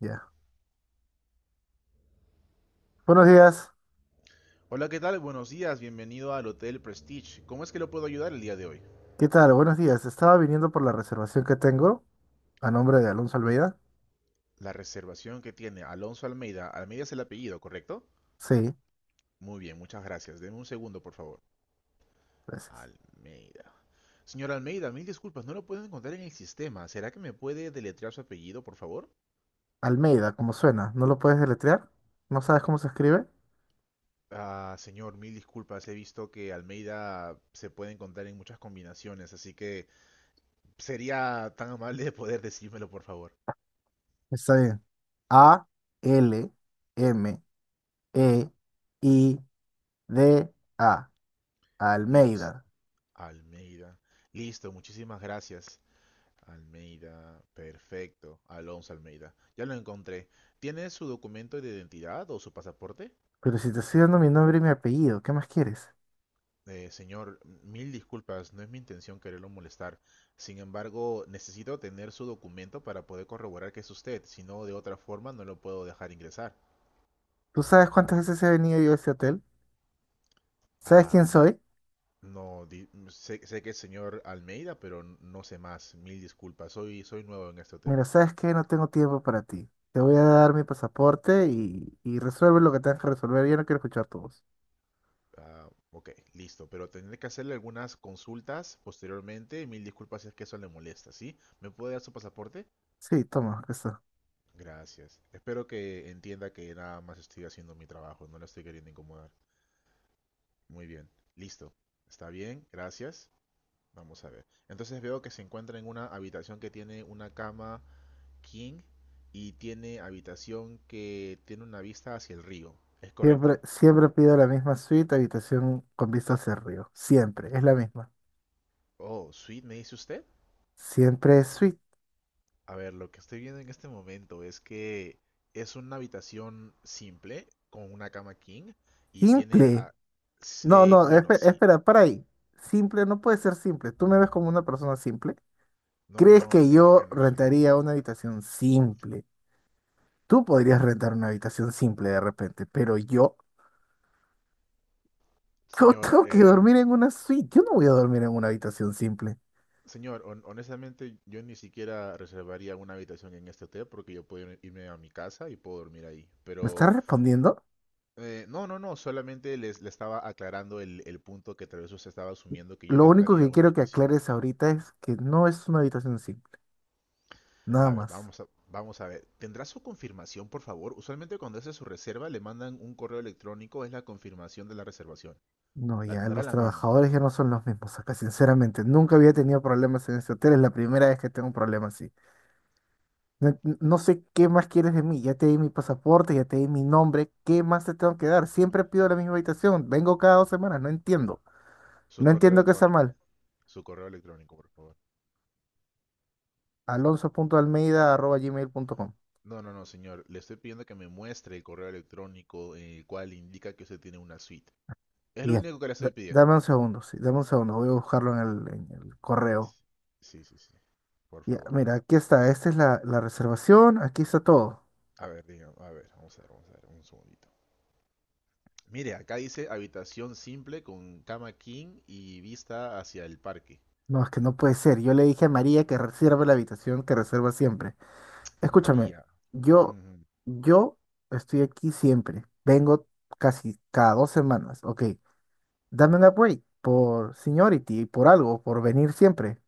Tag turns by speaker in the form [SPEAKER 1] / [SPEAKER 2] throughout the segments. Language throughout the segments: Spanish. [SPEAKER 1] Ya. Buenos días.
[SPEAKER 2] Hola, ¿qué tal? Buenos días, bienvenido al Hotel Prestige. ¿Cómo es que lo puedo ayudar el día de hoy?
[SPEAKER 1] ¿Qué tal? Buenos días. Estaba viniendo por la reservación que tengo a nombre de Alonso Almeida.
[SPEAKER 2] La reservación que tiene Alonso Almeida, Almeida es el apellido, ¿correcto?
[SPEAKER 1] Sí,
[SPEAKER 2] Muy bien, muchas gracias. Deme un segundo, por favor.
[SPEAKER 1] gracias.
[SPEAKER 2] Almeida. Señor Almeida, mil disculpas, no lo puedo encontrar en el sistema. ¿Será que me puede deletrear su apellido, por favor?
[SPEAKER 1] Almeida, como suena. ¿No lo puedes deletrear? ¿No sabes cómo se escribe?
[SPEAKER 2] Ah, señor, mil disculpas. He visto que Almeida se puede encontrar en muchas combinaciones, así que sería tan amable de poder decírmelo, por favor.
[SPEAKER 1] Está bien. Almeida.
[SPEAKER 2] Liz,
[SPEAKER 1] Almeida.
[SPEAKER 2] Almeida. Listo, muchísimas gracias. Almeida, perfecto. Alonso Almeida. Ya lo encontré. ¿Tiene su documento de identidad o su pasaporte?
[SPEAKER 1] Pero si te estoy dando mi nombre y mi apellido, ¿qué más quieres?
[SPEAKER 2] Señor, mil disculpas, no es mi intención quererlo molestar. Sin embargo, necesito tener su documento para poder corroborar que es usted, si no, de otra forma no lo puedo dejar ingresar.
[SPEAKER 1] ¿Tú sabes cuántas veces he venido yo a este hotel? ¿Sabes quién
[SPEAKER 2] Ah,
[SPEAKER 1] soy?
[SPEAKER 2] no, sé que es señor Almeida, pero no sé más. Mil disculpas, soy nuevo en este hotel.
[SPEAKER 1] Mira, ¿sabes qué? No tengo tiempo para ti. Te voy a dar mi pasaporte y resuelve lo que tengas que resolver. Yo no quiero escuchar tu voz.
[SPEAKER 2] Ah, ok, listo. Pero tendré que hacerle algunas consultas posteriormente. Mil disculpas si es que eso le molesta, ¿sí? ¿Me puede dar su pasaporte?
[SPEAKER 1] Sí, toma, acá está.
[SPEAKER 2] Gracias. Espero que entienda que nada más estoy haciendo mi trabajo, no la estoy queriendo incomodar. Muy bien, listo. Está bien, gracias. Vamos a ver. Entonces veo que se encuentra en una habitación que tiene una cama king y tiene habitación que tiene una vista hacia el río. ¿Es correcto?
[SPEAKER 1] Siempre, siempre pido la misma suite, habitación con vista hacia el río. Siempre, es la misma.
[SPEAKER 2] Oh, suite, me dice usted.
[SPEAKER 1] Siempre es suite.
[SPEAKER 2] A ver, lo que estoy viendo en este momento es que es una habitación simple con una cama king y tiene...
[SPEAKER 1] Simple. No, no,
[SPEAKER 2] bueno, sí.
[SPEAKER 1] espera, para ahí. Simple no puede ser simple. ¿Tú me ves como una persona simple?
[SPEAKER 2] No,
[SPEAKER 1] ¿Crees
[SPEAKER 2] no,
[SPEAKER 1] que
[SPEAKER 2] en,
[SPEAKER 1] yo
[SPEAKER 2] en absoluto,
[SPEAKER 1] rentaría
[SPEAKER 2] no.
[SPEAKER 1] una habitación simple? Tú podrías rentar una habitación simple de repente, pero yo. Yo
[SPEAKER 2] Señor,
[SPEAKER 1] tengo que dormir en una suite. Yo no voy a dormir en una habitación simple.
[SPEAKER 2] señor, honestamente yo ni siquiera reservaría una habitación en este hotel porque yo puedo irme a mi casa y puedo dormir ahí.
[SPEAKER 1] ¿Me estás
[SPEAKER 2] Pero...
[SPEAKER 1] respondiendo?
[SPEAKER 2] no, no, no, solamente le estaba aclarando el punto que tal vez usted estaba asumiendo que yo
[SPEAKER 1] Lo único
[SPEAKER 2] rentaría
[SPEAKER 1] que
[SPEAKER 2] una
[SPEAKER 1] quiero que
[SPEAKER 2] habitación.
[SPEAKER 1] aclares ahorita es que no es una habitación simple. Nada
[SPEAKER 2] A ver,
[SPEAKER 1] más.
[SPEAKER 2] vamos a ver. ¿Tendrá su confirmación, por favor? Usualmente cuando hace su reserva le mandan un correo electrónico, es la confirmación de la reservación.
[SPEAKER 1] No,
[SPEAKER 2] La
[SPEAKER 1] ya
[SPEAKER 2] tendrá a
[SPEAKER 1] los
[SPEAKER 2] la mano.
[SPEAKER 1] trabajadores ya no son los mismos acá, sinceramente. Nunca había tenido problemas en este hotel. Es la primera vez que tengo un problema así. No, no sé qué más quieres de mí. Ya te di mi pasaporte, ya te di mi nombre. ¿Qué más te tengo que dar? Siempre pido la misma habitación. Vengo cada 2 semanas. No entiendo.
[SPEAKER 2] Su
[SPEAKER 1] No
[SPEAKER 2] correo
[SPEAKER 1] entiendo qué está
[SPEAKER 2] electrónico.
[SPEAKER 1] mal.
[SPEAKER 2] Su correo electrónico, por favor.
[SPEAKER 1] Alonso punto Almeida arroba gmail punto com.
[SPEAKER 2] No, no, no, señor. Le estoy pidiendo que me muestre el correo electrónico en el cual indica que usted tiene una suite. Es lo
[SPEAKER 1] Ya,
[SPEAKER 2] único que le estoy pidiendo.
[SPEAKER 1] dame un segundo, sí, dame un segundo, voy a buscarlo en el correo.
[SPEAKER 2] Sí, sí, sí. Por
[SPEAKER 1] Ya,
[SPEAKER 2] favor.
[SPEAKER 1] mira, aquí está, esta es la reservación, aquí está todo.
[SPEAKER 2] A ver, diga, a ver, vamos a ver, vamos a ver, un segundito. Mire, acá dice habitación simple con cama king y vista hacia el parque.
[SPEAKER 1] No, es que no puede ser, yo le dije a María que reserve la habitación que reserva siempre. Escúchame,
[SPEAKER 2] María,
[SPEAKER 1] yo,
[SPEAKER 2] ujú.
[SPEAKER 1] yo estoy aquí siempre, vengo casi cada 2 semanas, ok. Dame un upgrade por seniority, por algo, por venir siempre.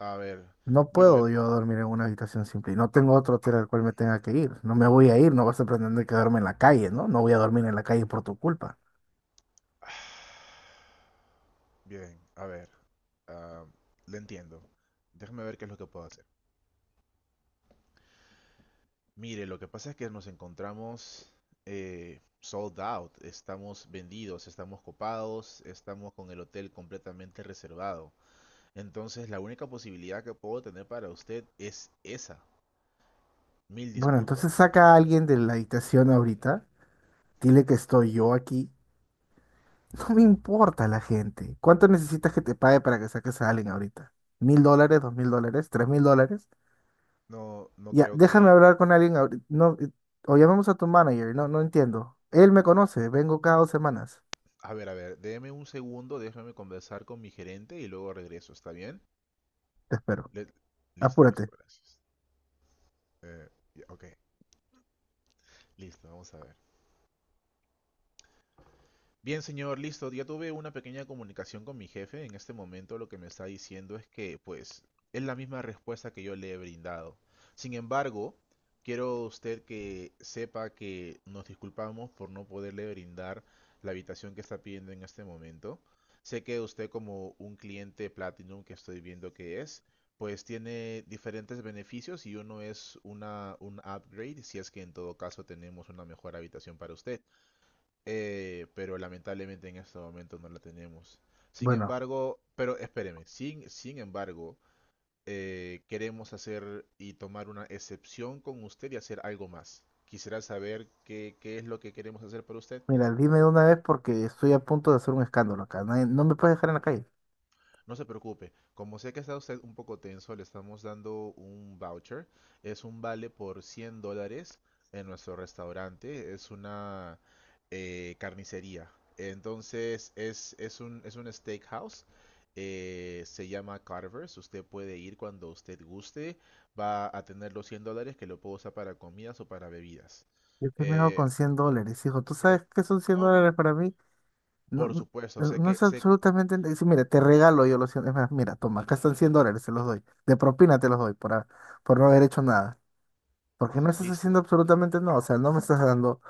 [SPEAKER 2] A ver,
[SPEAKER 1] No
[SPEAKER 2] bueno,
[SPEAKER 1] puedo yo dormir en una habitación simple y no tengo otro hotel al cual me tenga que ir. No me voy a ir, no vas a pretender quedarme en la calle, ¿no? No voy a dormir en la calle por tu culpa.
[SPEAKER 2] bien, a ver, ah, le entiendo. Déjame ver qué es lo que puedo hacer. Mire, lo que pasa es que nos encontramos sold out, estamos vendidos, estamos copados, estamos con el hotel completamente reservado. Entonces, la única posibilidad que puedo tener para usted es esa. Mil
[SPEAKER 1] Bueno, entonces
[SPEAKER 2] disculpas.
[SPEAKER 1] saca a alguien de la habitación ahorita, dile que estoy yo aquí. No me importa la gente. ¿Cuánto necesitas que te pague para que saques a alguien ahorita? ¿$1,000, $2,000, $3,000?
[SPEAKER 2] No, no
[SPEAKER 1] Ya,
[SPEAKER 2] creo
[SPEAKER 1] déjame
[SPEAKER 2] que...
[SPEAKER 1] hablar con alguien ahorita. No, o llamemos a tu manager, no, no entiendo. Él me conoce, vengo cada 2 semanas.
[SPEAKER 2] A ver, déme un segundo, déjame conversar con mi gerente y luego regreso, ¿está bien?
[SPEAKER 1] Te espero.
[SPEAKER 2] Le- listo,
[SPEAKER 1] Apúrate.
[SPEAKER 2] listo, gracias. Eh, ok, listo, vamos a ver. Bien, señor, listo. Ya tuve una pequeña comunicación con mi jefe. En este momento lo que me está diciendo es que, pues, es la misma respuesta que yo le he brindado. Sin embargo, quiero usted que sepa que nos disculpamos por no poderle brindar la habitación que está pidiendo en este momento. Sé que usted como un cliente Platinum que estoy viendo que es, pues tiene diferentes beneficios y uno es un upgrade si es que en todo caso tenemos una mejor habitación para usted. Pero lamentablemente en este momento no la tenemos. Sin
[SPEAKER 1] Bueno.
[SPEAKER 2] embargo, pero espéreme, sin embargo, queremos hacer y tomar una excepción con usted y hacer algo más. Quisiera saber qué, qué es lo que queremos hacer para usted.
[SPEAKER 1] Mira, dime de una vez porque estoy a punto de hacer un escándalo acá. No, me puedes dejar en la calle.
[SPEAKER 2] No se preocupe, como sé que está usted un poco tenso, le estamos dando un voucher. Es un vale por $100 en nuestro restaurante. Es una carnicería. Entonces es, es un steakhouse. Eh, se llama Carver's. Usted puede ir cuando usted guste. Va a tener los $100 que lo puedo usar para comidas o para bebidas.
[SPEAKER 1] Yo qué me hago
[SPEAKER 2] Eh,
[SPEAKER 1] con $100, hijo. ¿Tú sabes
[SPEAKER 2] eh,
[SPEAKER 1] qué son 100
[SPEAKER 2] no,
[SPEAKER 1] dólares
[SPEAKER 2] no,
[SPEAKER 1] para mí? No,
[SPEAKER 2] por
[SPEAKER 1] no,
[SPEAKER 2] supuesto, sé
[SPEAKER 1] no
[SPEAKER 2] que,
[SPEAKER 1] es
[SPEAKER 2] sé,
[SPEAKER 1] absolutamente... sí, mira, te regalo yo los 100. Es más, mira, toma, acá están $100, se los doy. De propina te los doy por no haber hecho nada. Porque no estás haciendo
[SPEAKER 2] listo.
[SPEAKER 1] absolutamente nada. O sea, no me estás dando...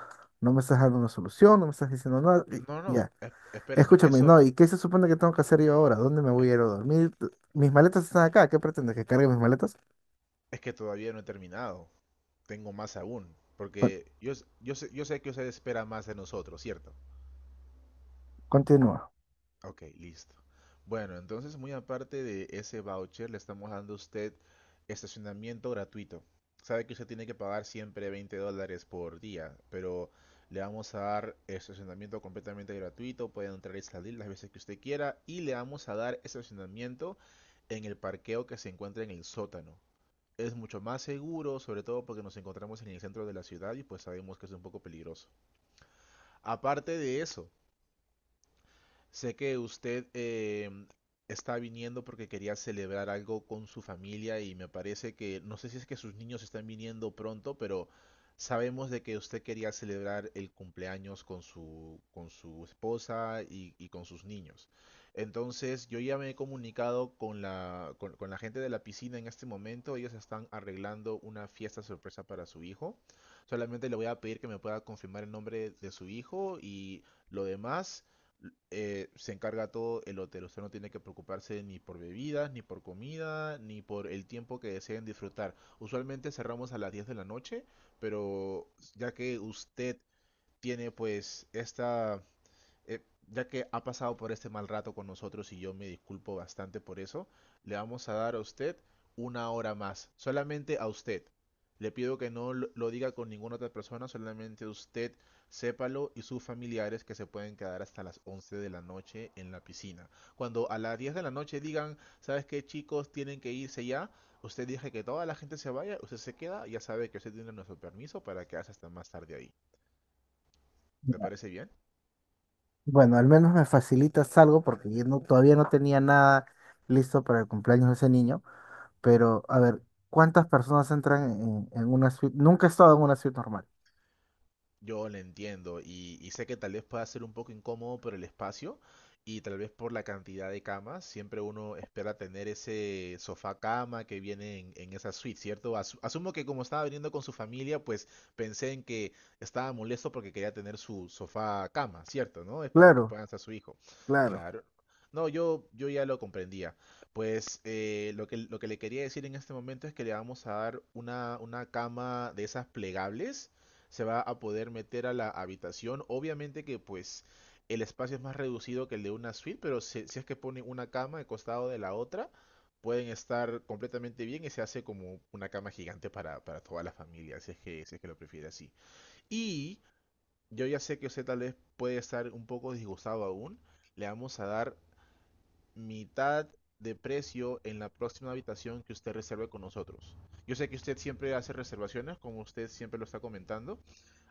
[SPEAKER 1] No me estás dando una solución, no me estás diciendo nada.
[SPEAKER 2] No,
[SPEAKER 1] Y
[SPEAKER 2] no,
[SPEAKER 1] ya.
[SPEAKER 2] espéreme,
[SPEAKER 1] Escúchame,
[SPEAKER 2] eso,
[SPEAKER 1] no, ¿y qué se supone que tengo que hacer yo ahora? ¿Dónde me voy a ir a dormir? Mis maletas están acá. ¿Qué pretendes? ¿Que cargue mis maletas?
[SPEAKER 2] es que todavía no he terminado. Tengo más aún.
[SPEAKER 1] Con-
[SPEAKER 2] Porque yo sé que usted espera más de nosotros, ¿cierto?
[SPEAKER 1] Continúa.
[SPEAKER 2] Ok, listo. Bueno, entonces muy aparte de ese voucher, le estamos dando a usted estacionamiento gratuito. Sabe que usted tiene que pagar siempre $20 por día, pero le vamos a dar estacionamiento completamente gratuito. Puede entrar y salir las veces que usted quiera. Y le vamos a dar estacionamiento en el parqueo que se encuentra en el sótano. Es mucho más seguro, sobre todo porque nos encontramos en el centro de la ciudad y pues sabemos que es un poco peligroso. Aparte de eso, sé que usted está viniendo porque quería celebrar algo con su familia y me parece que, no sé si es que sus niños están viniendo pronto, pero sabemos de que usted quería celebrar el cumpleaños con con su esposa y con sus niños. Entonces, yo ya me he comunicado con con la gente de la piscina en este momento. Ellos están arreglando una fiesta sorpresa para su hijo. Solamente le voy a pedir que me pueda confirmar el nombre de su hijo y lo demás se encarga todo el hotel. Usted no tiene que preocuparse ni por bebidas, ni por comida, ni por el tiempo que deseen disfrutar. Usualmente cerramos a las 10 de la noche, pero ya que usted tiene pues esta eh, ya que ha pasado por este mal rato con nosotros y yo me disculpo bastante por eso, le vamos a dar a usted una hora más, solamente a usted. Le pido que no lo diga con ninguna otra persona, solamente usted sépalo y sus familiares que se pueden quedar hasta las 11 de la noche en la piscina. Cuando a las 10 de la noche digan, ¿sabes qué chicos? Tienen que irse ya. Usted dice que toda la gente se vaya, usted se queda, ya sabe que usted tiene nuestro permiso para quedarse hasta más tarde ahí. ¿Le parece bien?
[SPEAKER 1] Bueno, al menos me facilitas algo porque yo todavía no tenía nada listo para el cumpleaños de ese niño. Pero, a ver, ¿cuántas personas entran en una suite? Nunca he estado en una suite normal.
[SPEAKER 2] Yo lo entiendo y sé que tal vez pueda ser un poco incómodo por el espacio y tal vez por la cantidad de camas. Siempre uno espera tener ese sofá cama que viene en esa suite, ¿cierto? Asumo que como estaba viniendo con su familia, pues pensé en que estaba molesto porque quería tener su sofá cama, ¿cierto? ¿No? Es para que
[SPEAKER 1] Claro,
[SPEAKER 2] puedan estar su hijo.
[SPEAKER 1] claro.
[SPEAKER 2] Claro. No, yo ya lo comprendía. Pues lo que le quería decir en este momento es que le vamos a dar una cama de esas plegables, se va a poder meter a la habitación. Obviamente que pues el espacio es más reducido que el de una suite, pero si es que ponen una cama al costado de la otra, pueden estar completamente bien y se hace como una cama gigante para toda la familia, si es que, si es que lo prefiere así. Y yo ya sé que usted tal vez puede estar un poco disgustado aún. Le vamos a dar mitad de precio en la próxima habitación que usted reserve con nosotros. Yo sé que usted siempre hace reservaciones, como usted siempre lo está comentando,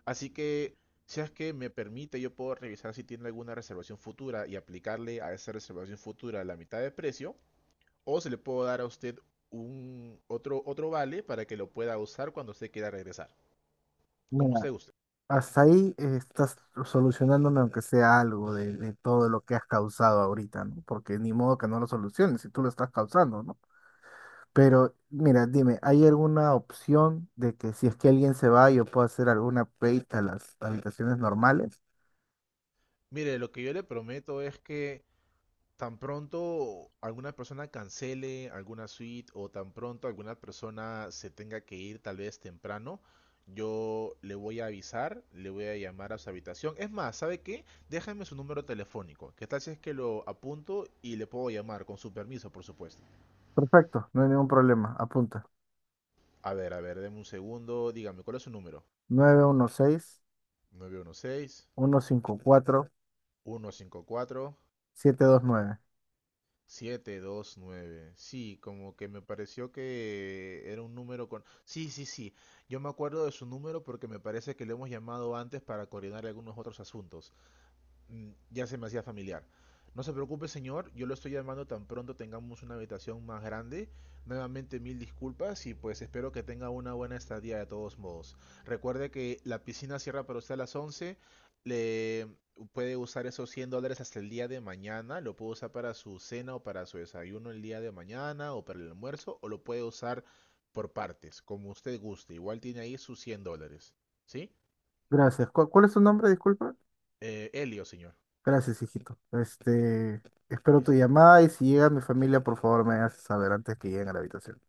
[SPEAKER 2] así que, si es que me permite, yo puedo revisar si tiene alguna reservación futura y aplicarle a esa reservación futura la mitad de precio, o se le puedo dar a usted otro vale para que lo pueda usar cuando usted quiera regresar, como
[SPEAKER 1] Mira,
[SPEAKER 2] usted guste.
[SPEAKER 1] hasta ahí estás solucionándome aunque sea algo de todo lo que has causado ahorita, ¿no? Porque ni modo que no lo soluciones si tú lo estás causando, ¿no? Pero, mira, dime, ¿hay alguna opción de que si es que alguien se va, yo pueda hacer alguna upgrade a las habitaciones normales?
[SPEAKER 2] Mire, lo que yo le prometo es que tan pronto alguna persona cancele alguna suite o tan pronto alguna persona se tenga que ir tal vez temprano, yo le voy a avisar, le voy a llamar a su habitación. Es más, ¿sabe qué? Déjame su número telefónico. ¿Qué tal si es que lo apunto y le puedo llamar con su permiso, por supuesto?
[SPEAKER 1] Perfecto, no hay ningún problema. Apunta.
[SPEAKER 2] A ver, deme un segundo. Dígame, ¿cuál es su número?
[SPEAKER 1] nueve uno uno seis
[SPEAKER 2] Nueve uno uno seis
[SPEAKER 1] uno cinco cuatro
[SPEAKER 2] uno cinco cuatro.
[SPEAKER 1] siete dos nueve.
[SPEAKER 2] siete dos nueve Sí, como que me pareció que era un número con... Sí, sí, sí. Yo me acuerdo de su número porque me parece que lo hemos llamado antes para coordinar algunos otros asuntos. Mm, ya se me hacía familiar. No se preocupe, señor, yo lo estoy llamando tan pronto tengamos una habitación más grande. Nuevamente mil disculpas y pues espero que tenga una buena estadía de todos modos. Recuerde que la piscina cierra para usted a las 11. Le puede usar esos $100 hasta el día de mañana. Lo puede usar para su cena o para su desayuno el día de mañana o para el almuerzo o lo puede usar por partes, como usted guste. Igual tiene ahí sus $100. ¿Sí?
[SPEAKER 1] Gracias. ¿Cuál es tu nombre? Disculpa.
[SPEAKER 2] Helio, señor.
[SPEAKER 1] Gracias, hijito. Este, espero tu
[SPEAKER 2] Listo.
[SPEAKER 1] llamada y si llega mi familia, por favor, me haces saber antes que lleguen a la habitación.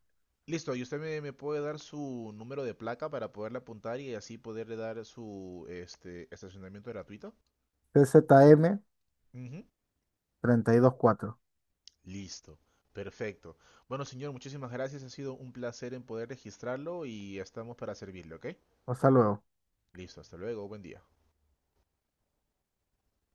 [SPEAKER 2] Listo, y usted me puede dar su número de placa para poderle apuntar y así poderle dar su este, estacionamiento gratuito.
[SPEAKER 1] CZM
[SPEAKER 2] Ujú.
[SPEAKER 1] cuatro.
[SPEAKER 2] Listo, perfecto. Bueno, señor, muchísimas gracias. Ha sido un placer en poder registrarlo y estamos para servirle, ¿ok?
[SPEAKER 1] Hasta luego.
[SPEAKER 2] Listo, hasta luego, buen día.